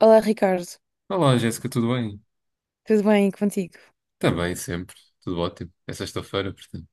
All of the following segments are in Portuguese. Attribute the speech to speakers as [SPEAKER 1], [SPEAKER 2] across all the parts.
[SPEAKER 1] Olá, Ricardo.
[SPEAKER 2] Olá, Jéssica, tudo bem?
[SPEAKER 1] Tudo bem contigo?
[SPEAKER 2] Está bem, sempre. Tudo ótimo. É sexta-feira, portanto.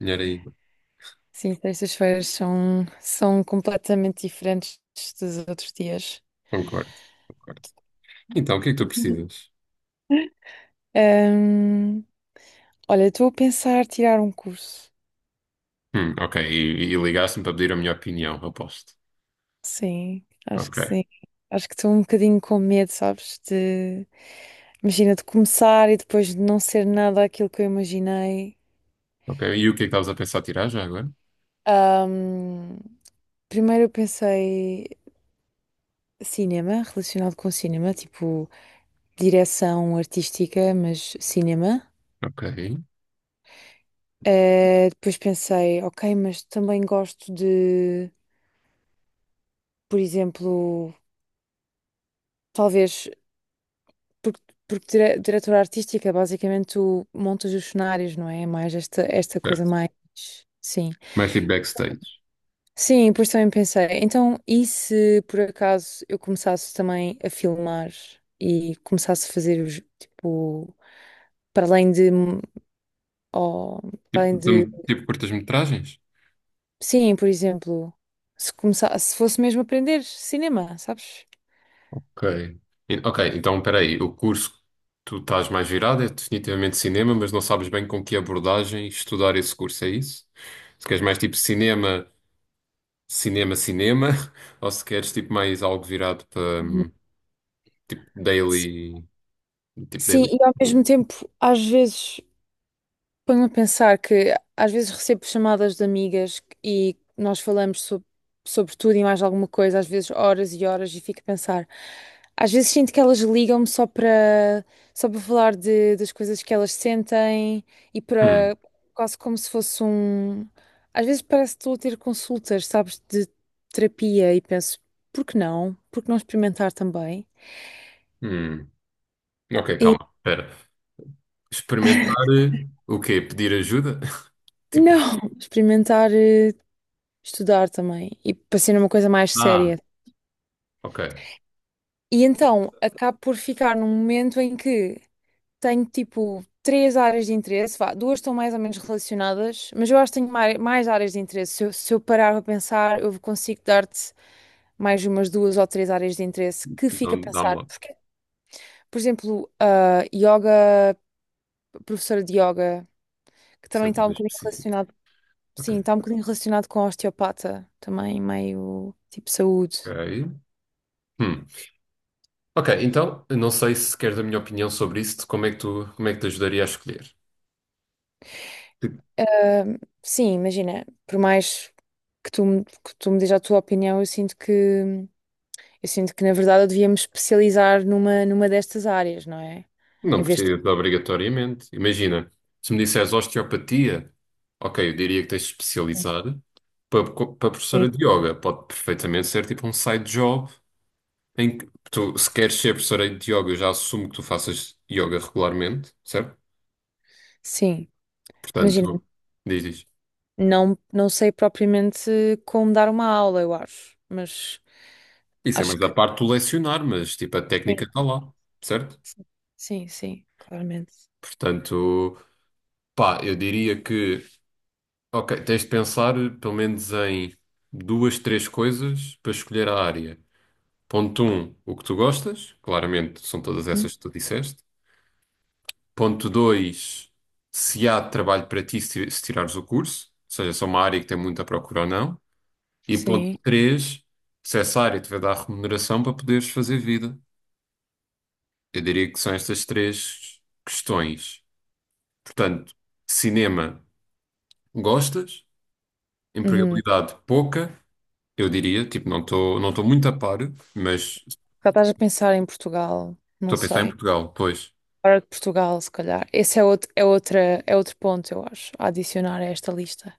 [SPEAKER 2] Melhor aí.
[SPEAKER 1] Sim, terças-feiras são completamente diferentes dos outros dias.
[SPEAKER 2] Concordo, concordo. Então, o que é que tu precisas?
[SPEAKER 1] Ahm, Olha, estou a pensar tirar um curso.
[SPEAKER 2] Ok, e ligaste-me para pedir a minha opinião, aposto. Ok,
[SPEAKER 1] Sim. Acho que estou um bocadinho com medo, sabes? Imagina, de começar e depois de não ser nada aquilo que eu imaginei.
[SPEAKER 2] ok. E o que é que estavas a pensar tirar já agora?
[SPEAKER 1] Ahm, Primeiro eu pensei cinema, relacionado com cinema, tipo direção artística, mas cinema.
[SPEAKER 2] Ok.
[SPEAKER 1] Depois pensei, ok, mas também gosto de, por exemplo, talvez, porque, porque diretora artística, basicamente tu montas os cenários, não é? É mais esta coisa
[SPEAKER 2] Certo.
[SPEAKER 1] mais. Sim.
[SPEAKER 2] Mais tipo backstage.
[SPEAKER 1] Sim, depois também pensei, então, e se por acaso eu começasse também a filmar e começasse a fazer os, tipo, para além de, ó, para
[SPEAKER 2] Tipo,
[SPEAKER 1] além de,
[SPEAKER 2] tipo curtas-metragens?
[SPEAKER 1] sim, por exemplo, se fosse mesmo aprender cinema, sabes?
[SPEAKER 2] Ok. E- ok, então espera aí. O curso que tu estás mais virado é definitivamente cinema, mas não sabes bem com que abordagem estudar esse curso, é isso? Se queres mais tipo cinema, cinema, ou se queres tipo mais algo virado para tipo
[SPEAKER 1] Sim,
[SPEAKER 2] daily, tipo daily.
[SPEAKER 1] e ao mesmo tempo, às vezes, ponho-me a pensar que às vezes recebo chamadas de amigas e nós falamos sobre tudo e mais alguma coisa, às vezes horas e horas, e fico a pensar. Às vezes sinto que elas ligam-me só para falar das coisas que elas sentem e
[SPEAKER 2] Hum,
[SPEAKER 1] para quase como se fosse um. Às vezes parece que estou a ter consultas, sabes, de terapia e penso, por que não? Por que não experimentar também?
[SPEAKER 2] hum. Ok,
[SPEAKER 1] E
[SPEAKER 2] calma, espera. Experimentar o quê? Pedir ajuda? Tipo,
[SPEAKER 1] não, experimentar, estudar também e para ser uma coisa mais
[SPEAKER 2] ah,
[SPEAKER 1] séria.
[SPEAKER 2] ok,
[SPEAKER 1] E então acabo por ficar num momento em que tenho tipo três áreas de interesse, vá, duas estão mais ou menos relacionadas, mas eu acho que tenho mais, áreas de interesse. Se eu parar para pensar, eu consigo dar-te mais umas duas ou três áreas de interesse que fica a
[SPEAKER 2] então dá-me
[SPEAKER 1] pensar.
[SPEAKER 2] lá.
[SPEAKER 1] Porque, por exemplo, a yoga, professora de yoga, que
[SPEAKER 2] Isso é
[SPEAKER 1] também
[SPEAKER 2] uma
[SPEAKER 1] está um
[SPEAKER 2] coisa
[SPEAKER 1] bocadinho
[SPEAKER 2] específica.
[SPEAKER 1] relacionado,
[SPEAKER 2] Ok.
[SPEAKER 1] sim, está um bocadinho relacionado com a osteopata, também meio tipo saúde.
[SPEAKER 2] Ok. Hum. Ok, então, não sei se queres a minha opinião sobre isso, de como é que tu, como é que te ajudaria a escolher.
[SPEAKER 1] Ahm, Sim, imagina, por mais que tu me dês a tua opinião, eu sinto que na verdade eu devia me especializar numa destas áreas, não é?
[SPEAKER 2] Não
[SPEAKER 1] Em vez de.
[SPEAKER 2] precisa de obrigatoriamente. Imagina, se me disseres osteopatia, ok, eu diria que tens de especializar. Para
[SPEAKER 1] Sim.
[SPEAKER 2] professora de yoga, pode perfeitamente ser tipo um side job em que tu, se queres ser professora de yoga, eu já assumo que tu faças yoga regularmente, certo?
[SPEAKER 1] Sim, imagina,
[SPEAKER 2] Portanto, diz.
[SPEAKER 1] não, não sei propriamente como dar uma aula, eu acho, mas
[SPEAKER 2] Isso é
[SPEAKER 1] acho
[SPEAKER 2] mais a
[SPEAKER 1] que
[SPEAKER 2] parte do lecionar, mas tipo a técnica
[SPEAKER 1] sim.
[SPEAKER 2] está lá, certo?
[SPEAKER 1] Sim, sim, claramente.
[SPEAKER 2] Portanto, pá, eu diria que, ok, tens de pensar pelo menos em duas, três coisas para escolher a área. Ponto um, o que tu gostas, claramente são todas
[SPEAKER 1] Hum?
[SPEAKER 2] essas que tu disseste. Ponto dois, se há trabalho para ti se se tirares o curso, ou seja, se é uma área que tem muita procura ou não. E ponto
[SPEAKER 1] Sim.
[SPEAKER 2] três, se essa área te vai dar remuneração para poderes fazer vida. Eu diria que são estas três questões. Portanto, cinema, gostas,
[SPEAKER 1] Uhum.
[SPEAKER 2] empregabilidade, pouca, eu diria, tipo, não estou muito a par, mas
[SPEAKER 1] Já estás a pensar em Portugal,
[SPEAKER 2] estou
[SPEAKER 1] não
[SPEAKER 2] a pensar em
[SPEAKER 1] sei.
[SPEAKER 2] Portugal, pois.
[SPEAKER 1] Fora de Portugal, se calhar. Esse é outro, é outra, é outro ponto, eu acho, a adicionar a esta lista.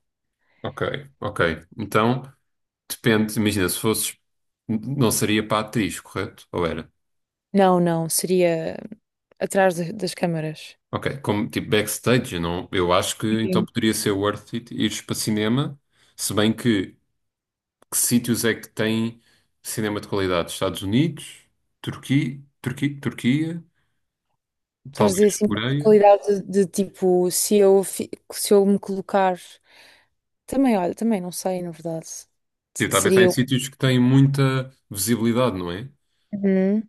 [SPEAKER 2] Ok, ok. Então. Depende, imagina, se fosses, não seria para a atriz, correto? Ou era?
[SPEAKER 1] Não, não, seria atrás das câmaras.
[SPEAKER 2] Ok, como tipo backstage, não, eu acho que então poderia ser worth it ires para cinema, se bem que sítios é que tem cinema de qualidade? Estados Unidos, Turquia, Turquia, Turquia,
[SPEAKER 1] Estás a dizer
[SPEAKER 2] talvez
[SPEAKER 1] assim, de
[SPEAKER 2] Coreia.
[SPEAKER 1] qualidade de tipo, se eu me colocar. Também, olha, também não sei, na verdade.
[SPEAKER 2] Tipo, está a pensar em
[SPEAKER 1] Seria. Um.
[SPEAKER 2] sítios que têm muita visibilidade, não é?
[SPEAKER 1] Uhum.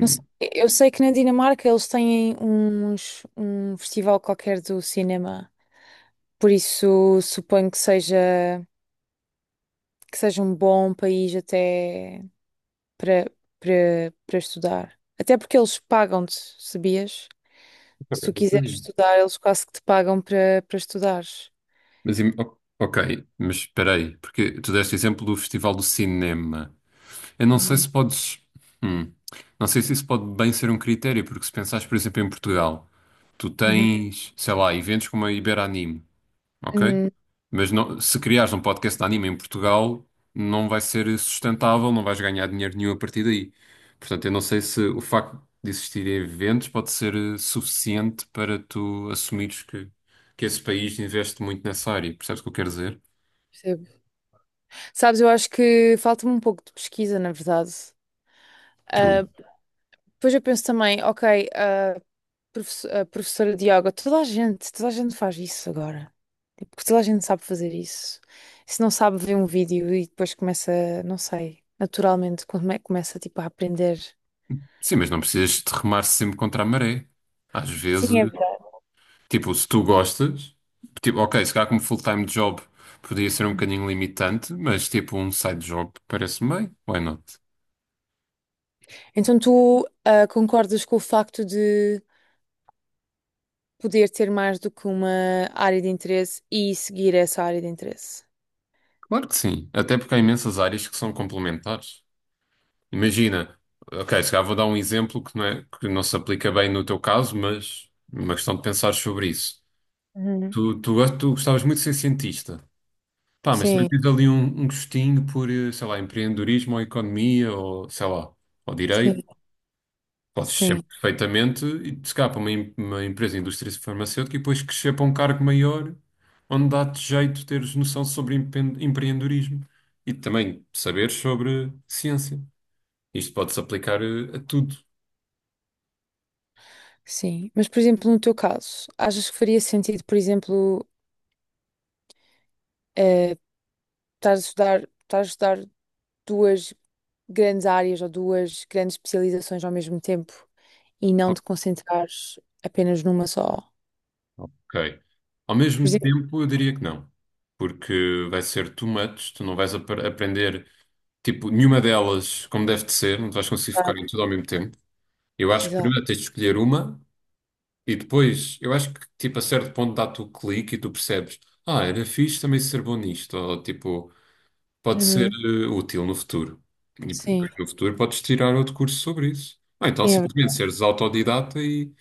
[SPEAKER 1] Não sei. Eu sei que na Dinamarca eles têm uns, um festival qualquer do cinema. Por isso, suponho que seja, um bom país até. para, para estudar. Até porque eles pagam-te, sabias? Se
[SPEAKER 2] É
[SPEAKER 1] tu
[SPEAKER 2] bem por
[SPEAKER 1] quiseres
[SPEAKER 2] aí.
[SPEAKER 1] estudar, eles quase que te pagam para estudares.
[SPEAKER 2] Ok, mas espera aí, porque tu deste exemplo do Festival do Cinema. Eu não sei
[SPEAKER 1] Uhum.
[SPEAKER 2] se podes. hum, não sei se isso pode bem ser um critério, porque se pensares, por exemplo, em Portugal, tu
[SPEAKER 1] Uhum.
[SPEAKER 2] tens, sei lá, eventos como a Iberanime, ok?
[SPEAKER 1] Hum,
[SPEAKER 2] Se criares um podcast de anime em Portugal, não vai ser sustentável, não vais ganhar dinheiro nenhum a partir daí. Portanto, eu não sei se o facto de existirem eventos pode ser suficiente para tu assumires que esse país investe muito nessa área. Percebes o que eu quero dizer?
[SPEAKER 1] Percebo. Sabes, eu acho que falta-me um pouco de pesquisa, na verdade. Ah,
[SPEAKER 2] True.
[SPEAKER 1] depois eu penso também, ok, a professora de yoga, toda a gente faz isso agora. Tipo, toda a gente sabe fazer isso. Se não sabe, vê um vídeo e depois começa, não sei, naturalmente, começa tipo a aprender.
[SPEAKER 2] Sim, mas não precisas de remar sempre contra a maré. Às vezes.
[SPEAKER 1] Sim, é.
[SPEAKER 2] Tipo, se tu gostas, tipo, ok, se calhar como full-time job podia ser um bocadinho limitante, mas tipo um side job parece-me bem, why not?
[SPEAKER 1] Então tu, concordas com o facto de poder ter mais do que uma área de interesse e seguir essa área de interesse?
[SPEAKER 2] Claro que sim, até porque há imensas áreas que são complementares. Imagina, ok, se calhar vou dar um exemplo que não é, que não se aplica bem no teu caso, mas é uma questão de pensar sobre isso.
[SPEAKER 1] Uhum.
[SPEAKER 2] Tu gostavas muito de ser cientista. Pá, mas também
[SPEAKER 1] Sim,
[SPEAKER 2] tens ali um, um gostinho por, sei lá, empreendedorismo ou economia ou, sei lá, ou direito.
[SPEAKER 1] sim,
[SPEAKER 2] Podes sempre
[SPEAKER 1] sim,
[SPEAKER 2] perfeitamente e te escapa uma, uma empresa de indústria farmacêutica e depois crescer para um cargo maior, onde dá-te jeito teres noção sobre empreendedorismo e também saber sobre ciência. Isto pode-se aplicar a tudo.
[SPEAKER 1] sim. Mas, por exemplo, no teu caso, achas que faria sentido, por exemplo, eh, estar a estudar duas grandes áreas ou duas grandes especializações ao mesmo tempo e não
[SPEAKER 2] O-
[SPEAKER 1] te concentrares apenas numa só?
[SPEAKER 2] Ok. Ao
[SPEAKER 1] Por
[SPEAKER 2] mesmo
[SPEAKER 1] exemplo,
[SPEAKER 2] tempo, eu diria que não, porque vai ser too much, tu não vais aprender, tipo, nenhuma delas como deve de ser, não te vais conseguir focar em
[SPEAKER 1] exato.
[SPEAKER 2] tudo ao mesmo tempo. Eu acho que
[SPEAKER 1] Exato.
[SPEAKER 2] primeiro tens de escolher uma. E depois, eu acho que tipo a certo ponto dá-te o clique e tu percebes, ah, era fixe também ser bom nisto, ou tipo, pode ser
[SPEAKER 1] Uhum.
[SPEAKER 2] útil no futuro. E depois
[SPEAKER 1] Sim,
[SPEAKER 2] no futuro podes tirar outro curso sobre isso. Ou então
[SPEAKER 1] sim, é.
[SPEAKER 2] simplesmente seres autodidata e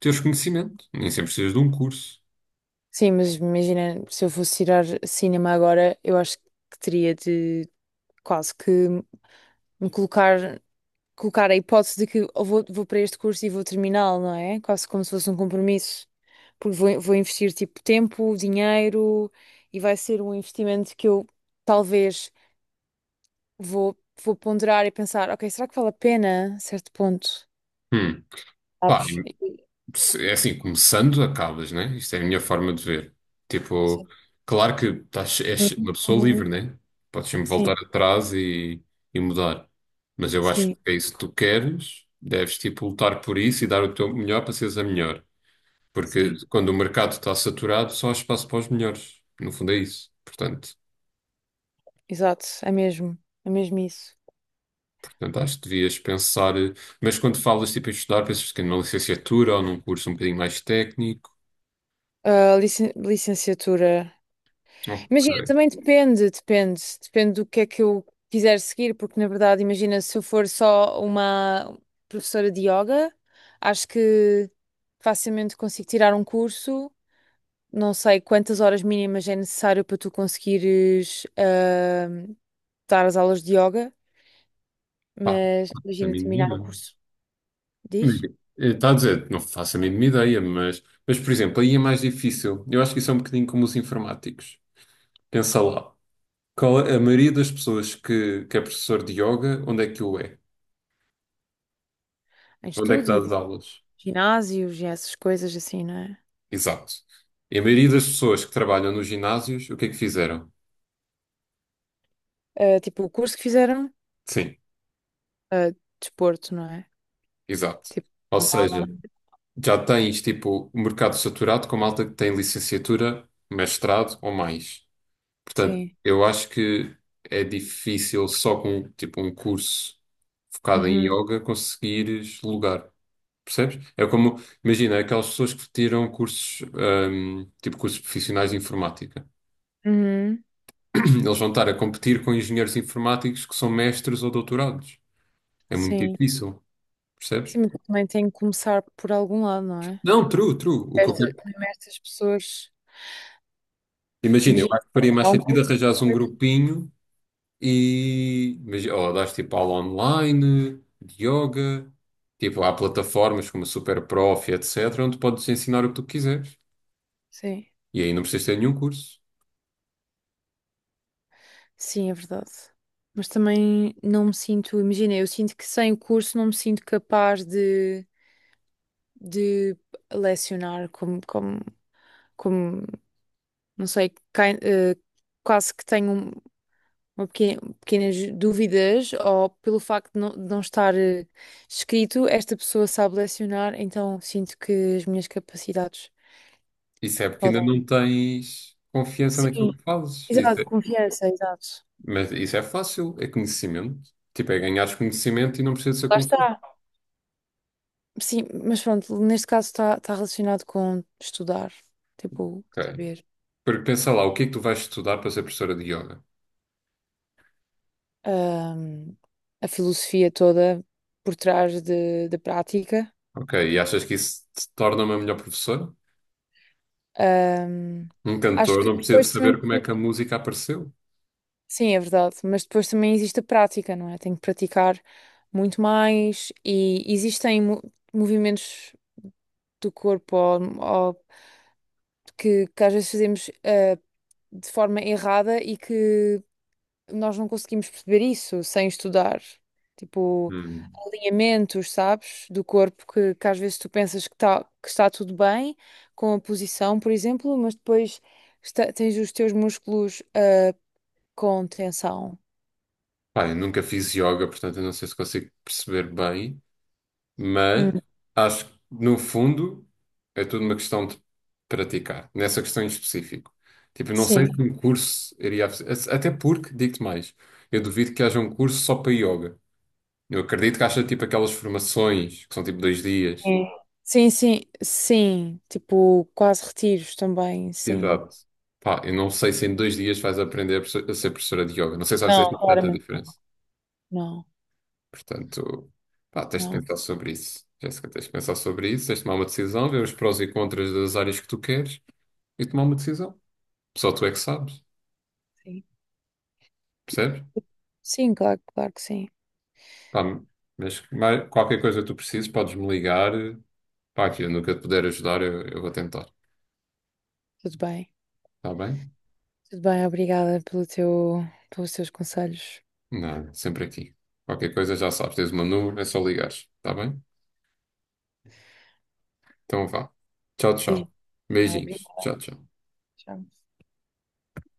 [SPEAKER 2] teres conhecimento. Nem sempre precisas de um curso.
[SPEAKER 1] Sim, mas imagina, se eu fosse tirar cinema agora, eu acho que teria de quase que me colocar, colocar a hipótese de que eu vou, vou para este curso e vou terminá-lo, não é? Quase como se fosse um compromisso. Porque vou investir tipo tempo, dinheiro e vai ser um investimento que eu talvez vou, vou ponderar e pensar, ok, será que vale a pena a certo ponto?
[SPEAKER 2] Hum. Pá,
[SPEAKER 1] Sabes? E.
[SPEAKER 2] se- é assim, começando, acabas, né? Isto é a minha forma de ver. Tipo,
[SPEAKER 1] Sim.
[SPEAKER 2] claro que estás, és uma pessoa
[SPEAKER 1] Uhum.
[SPEAKER 2] livre, né? Podes sempre
[SPEAKER 1] Sim,
[SPEAKER 2] voltar atrás e mudar. Mas eu acho
[SPEAKER 1] sim,
[SPEAKER 2] que é isso que tu queres, deves, tipo, lutar por isso e dar o teu melhor para seres a melhor. Porque
[SPEAKER 1] sim.
[SPEAKER 2] quando o mercado está saturado, só há espaço para os melhores. No fundo é isso. Portanto,
[SPEAKER 1] Exato, é mesmo isso.
[SPEAKER 2] portanto, acho que devias pensar. Mas quando falas, tipo, em estudar, pensas que numa licenciatura ou num curso um bocadinho mais técnico.
[SPEAKER 1] Ah, licenciatura. Imagina,
[SPEAKER 2] Ok.
[SPEAKER 1] também depende do que é que eu quiser seguir, porque na verdade, imagina, se eu for só uma professora de yoga, acho que facilmente consigo tirar um curso. Não sei quantas horas mínimas é necessário para tu conseguires dar as aulas de yoga,
[SPEAKER 2] Pá,
[SPEAKER 1] mas
[SPEAKER 2] isso a
[SPEAKER 1] imagina
[SPEAKER 2] mim não me
[SPEAKER 1] terminar um
[SPEAKER 2] engano.
[SPEAKER 1] curso, diz?
[SPEAKER 2] Está a dizer, não faço a mínima ideia, mas, por exemplo, aí é mais difícil. Eu acho que isso é um bocadinho como os informáticos. Pensa lá. Qual é- a maioria das pessoas que é professor de yoga, onde é que o é?
[SPEAKER 1] Em
[SPEAKER 2] Onde é que dá
[SPEAKER 1] estúdio,
[SPEAKER 2] as aulas?
[SPEAKER 1] ginásios e essas coisas assim, não é?
[SPEAKER 2] Exato. E a maioria das pessoas que trabalham nos ginásios, o que é que fizeram?
[SPEAKER 1] Ah, tipo, o curso que fizeram,
[SPEAKER 2] Sim,
[SPEAKER 1] ah, desporto, não é?
[SPEAKER 2] exato.
[SPEAKER 1] Tipo,
[SPEAKER 2] Ou
[SPEAKER 1] não, não.
[SPEAKER 2] seja, já tens tipo o mercado saturado com malta que tem licenciatura, mestrado ou mais. Portanto,
[SPEAKER 1] Sim.
[SPEAKER 2] eu acho que é difícil só com tipo um curso focado em
[SPEAKER 1] Uhum,
[SPEAKER 2] yoga conseguires lugar. Percebes? É como, imagina, aquelas pessoas que tiram cursos, tipo cursos profissionais de informática.
[SPEAKER 1] uhum.
[SPEAKER 2] Eles vão estar a competir com engenheiros informáticos que são mestres ou doutorados. É muito
[SPEAKER 1] Sim.
[SPEAKER 2] difícil, percebes?
[SPEAKER 1] Sim, mas também tem que começar por algum lado, não é?
[SPEAKER 2] Não, true, true. O que eu
[SPEAKER 1] Estas,
[SPEAKER 2] quero...
[SPEAKER 1] mesmo estas pessoas.
[SPEAKER 2] Imagina, eu
[SPEAKER 1] Imagina.
[SPEAKER 2] acho que faria mais
[SPEAKER 1] Há um.
[SPEAKER 2] sentido arranjares um grupinho. E mas, ó, dás tipo aula online, de yoga, tipo, há plataformas como a Superprof, etc., onde podes ensinar o que tu quiseres.
[SPEAKER 1] Sim.
[SPEAKER 2] E aí não precisas ter nenhum curso.
[SPEAKER 1] Sim, é verdade. Mas também não me sinto. Imagina, eu sinto que sem o curso não me sinto capaz de lecionar como. Não sei, quase que tenho uma pequena, pequenas dúvidas ou pelo facto de não, estar escrito, esta pessoa sabe lecionar, então sinto que as minhas capacidades
[SPEAKER 2] Isso é porque ainda não
[SPEAKER 1] podem.
[SPEAKER 2] tens confiança naquilo
[SPEAKER 1] Sim,
[SPEAKER 2] que fazes. Isso
[SPEAKER 1] exato,
[SPEAKER 2] é-
[SPEAKER 1] confiança, exato.
[SPEAKER 2] mas isso é fácil, é conhecimento. Tipo, é ganhares conhecimento e não precisa ser
[SPEAKER 1] Lá
[SPEAKER 2] concurso.
[SPEAKER 1] está. Sim, mas pronto, neste caso está relacionado com estudar, tipo,
[SPEAKER 2] Ok.
[SPEAKER 1] saber
[SPEAKER 2] Porque pensa lá, o que é que tu vais estudar para ser professora de yoga?
[SPEAKER 1] ahm, a filosofia toda por trás da prática.
[SPEAKER 2] Ok, e achas que isso te torna uma melhor professora?
[SPEAKER 1] Ahm,
[SPEAKER 2] Um
[SPEAKER 1] Acho
[SPEAKER 2] cantor
[SPEAKER 1] que
[SPEAKER 2] não precisa de
[SPEAKER 1] depois
[SPEAKER 2] saber
[SPEAKER 1] também.
[SPEAKER 2] como é que a música apareceu.
[SPEAKER 1] Sim, é verdade, mas depois também existe a prática, não é? Tenho que praticar muito mais e existem movimentos do corpo ou que às vezes fazemos de forma errada e que nós não conseguimos perceber isso sem estudar. Tipo,
[SPEAKER 2] Hum.
[SPEAKER 1] alinhamentos, sabes, do corpo que às vezes tu pensas que, tá, que está tudo bem com a posição, por exemplo, mas depois tens os teus músculos com tensão.
[SPEAKER 2] Pá, eu nunca fiz yoga, portanto eu não sei se consigo perceber bem. Mas
[SPEAKER 1] Hum,
[SPEAKER 2] acho que, no fundo, é tudo uma questão de praticar, nessa questão em específico. Tipo, não sei
[SPEAKER 1] sim.
[SPEAKER 2] que um curso Até porque, digo-te mais, eu duvido que haja um curso só para yoga. Eu acredito que haja tipo aquelas formações que são tipo 2 dias.
[SPEAKER 1] Sim, sim, sim, sim, tipo, quase retiros também, sim.
[SPEAKER 2] Exato. Pá, eu não sei se em 2 dias vais aprender a a ser professora de yoga. Não sei se vais ter
[SPEAKER 1] Não,
[SPEAKER 2] tanta
[SPEAKER 1] claramente não.
[SPEAKER 2] diferença.
[SPEAKER 1] Não,
[SPEAKER 2] Portanto, pá, tens de
[SPEAKER 1] não,
[SPEAKER 2] pensar sobre isso. Jéssica, tens de pensar sobre isso, tens de tomar uma decisão, ver os prós e contras das áreas que tu queres e tomar uma decisão. Só tu é que sabes,
[SPEAKER 1] sim.
[SPEAKER 2] percebes?
[SPEAKER 1] Sim, claro, claro que sim.
[SPEAKER 2] Pá, mas mais- qualquer coisa que tu precises, podes me ligar. Pá, aqui, no que eu te puder ajudar, eu vou tentar.
[SPEAKER 1] Tudo bem.
[SPEAKER 2] Está bem?
[SPEAKER 1] Tudo bem, obrigada pelo teu, pelos teus conselhos.
[SPEAKER 2] Nada, sempre aqui. Qualquer coisa já sabes, tens o meu número, é só ligares. Está bem? Então vá. Tchau,
[SPEAKER 1] Beijo.
[SPEAKER 2] tchau.
[SPEAKER 1] Tchau,
[SPEAKER 2] Beijinhos.
[SPEAKER 1] obrigada.
[SPEAKER 2] Tchau, tchau.
[SPEAKER 1] Tchau.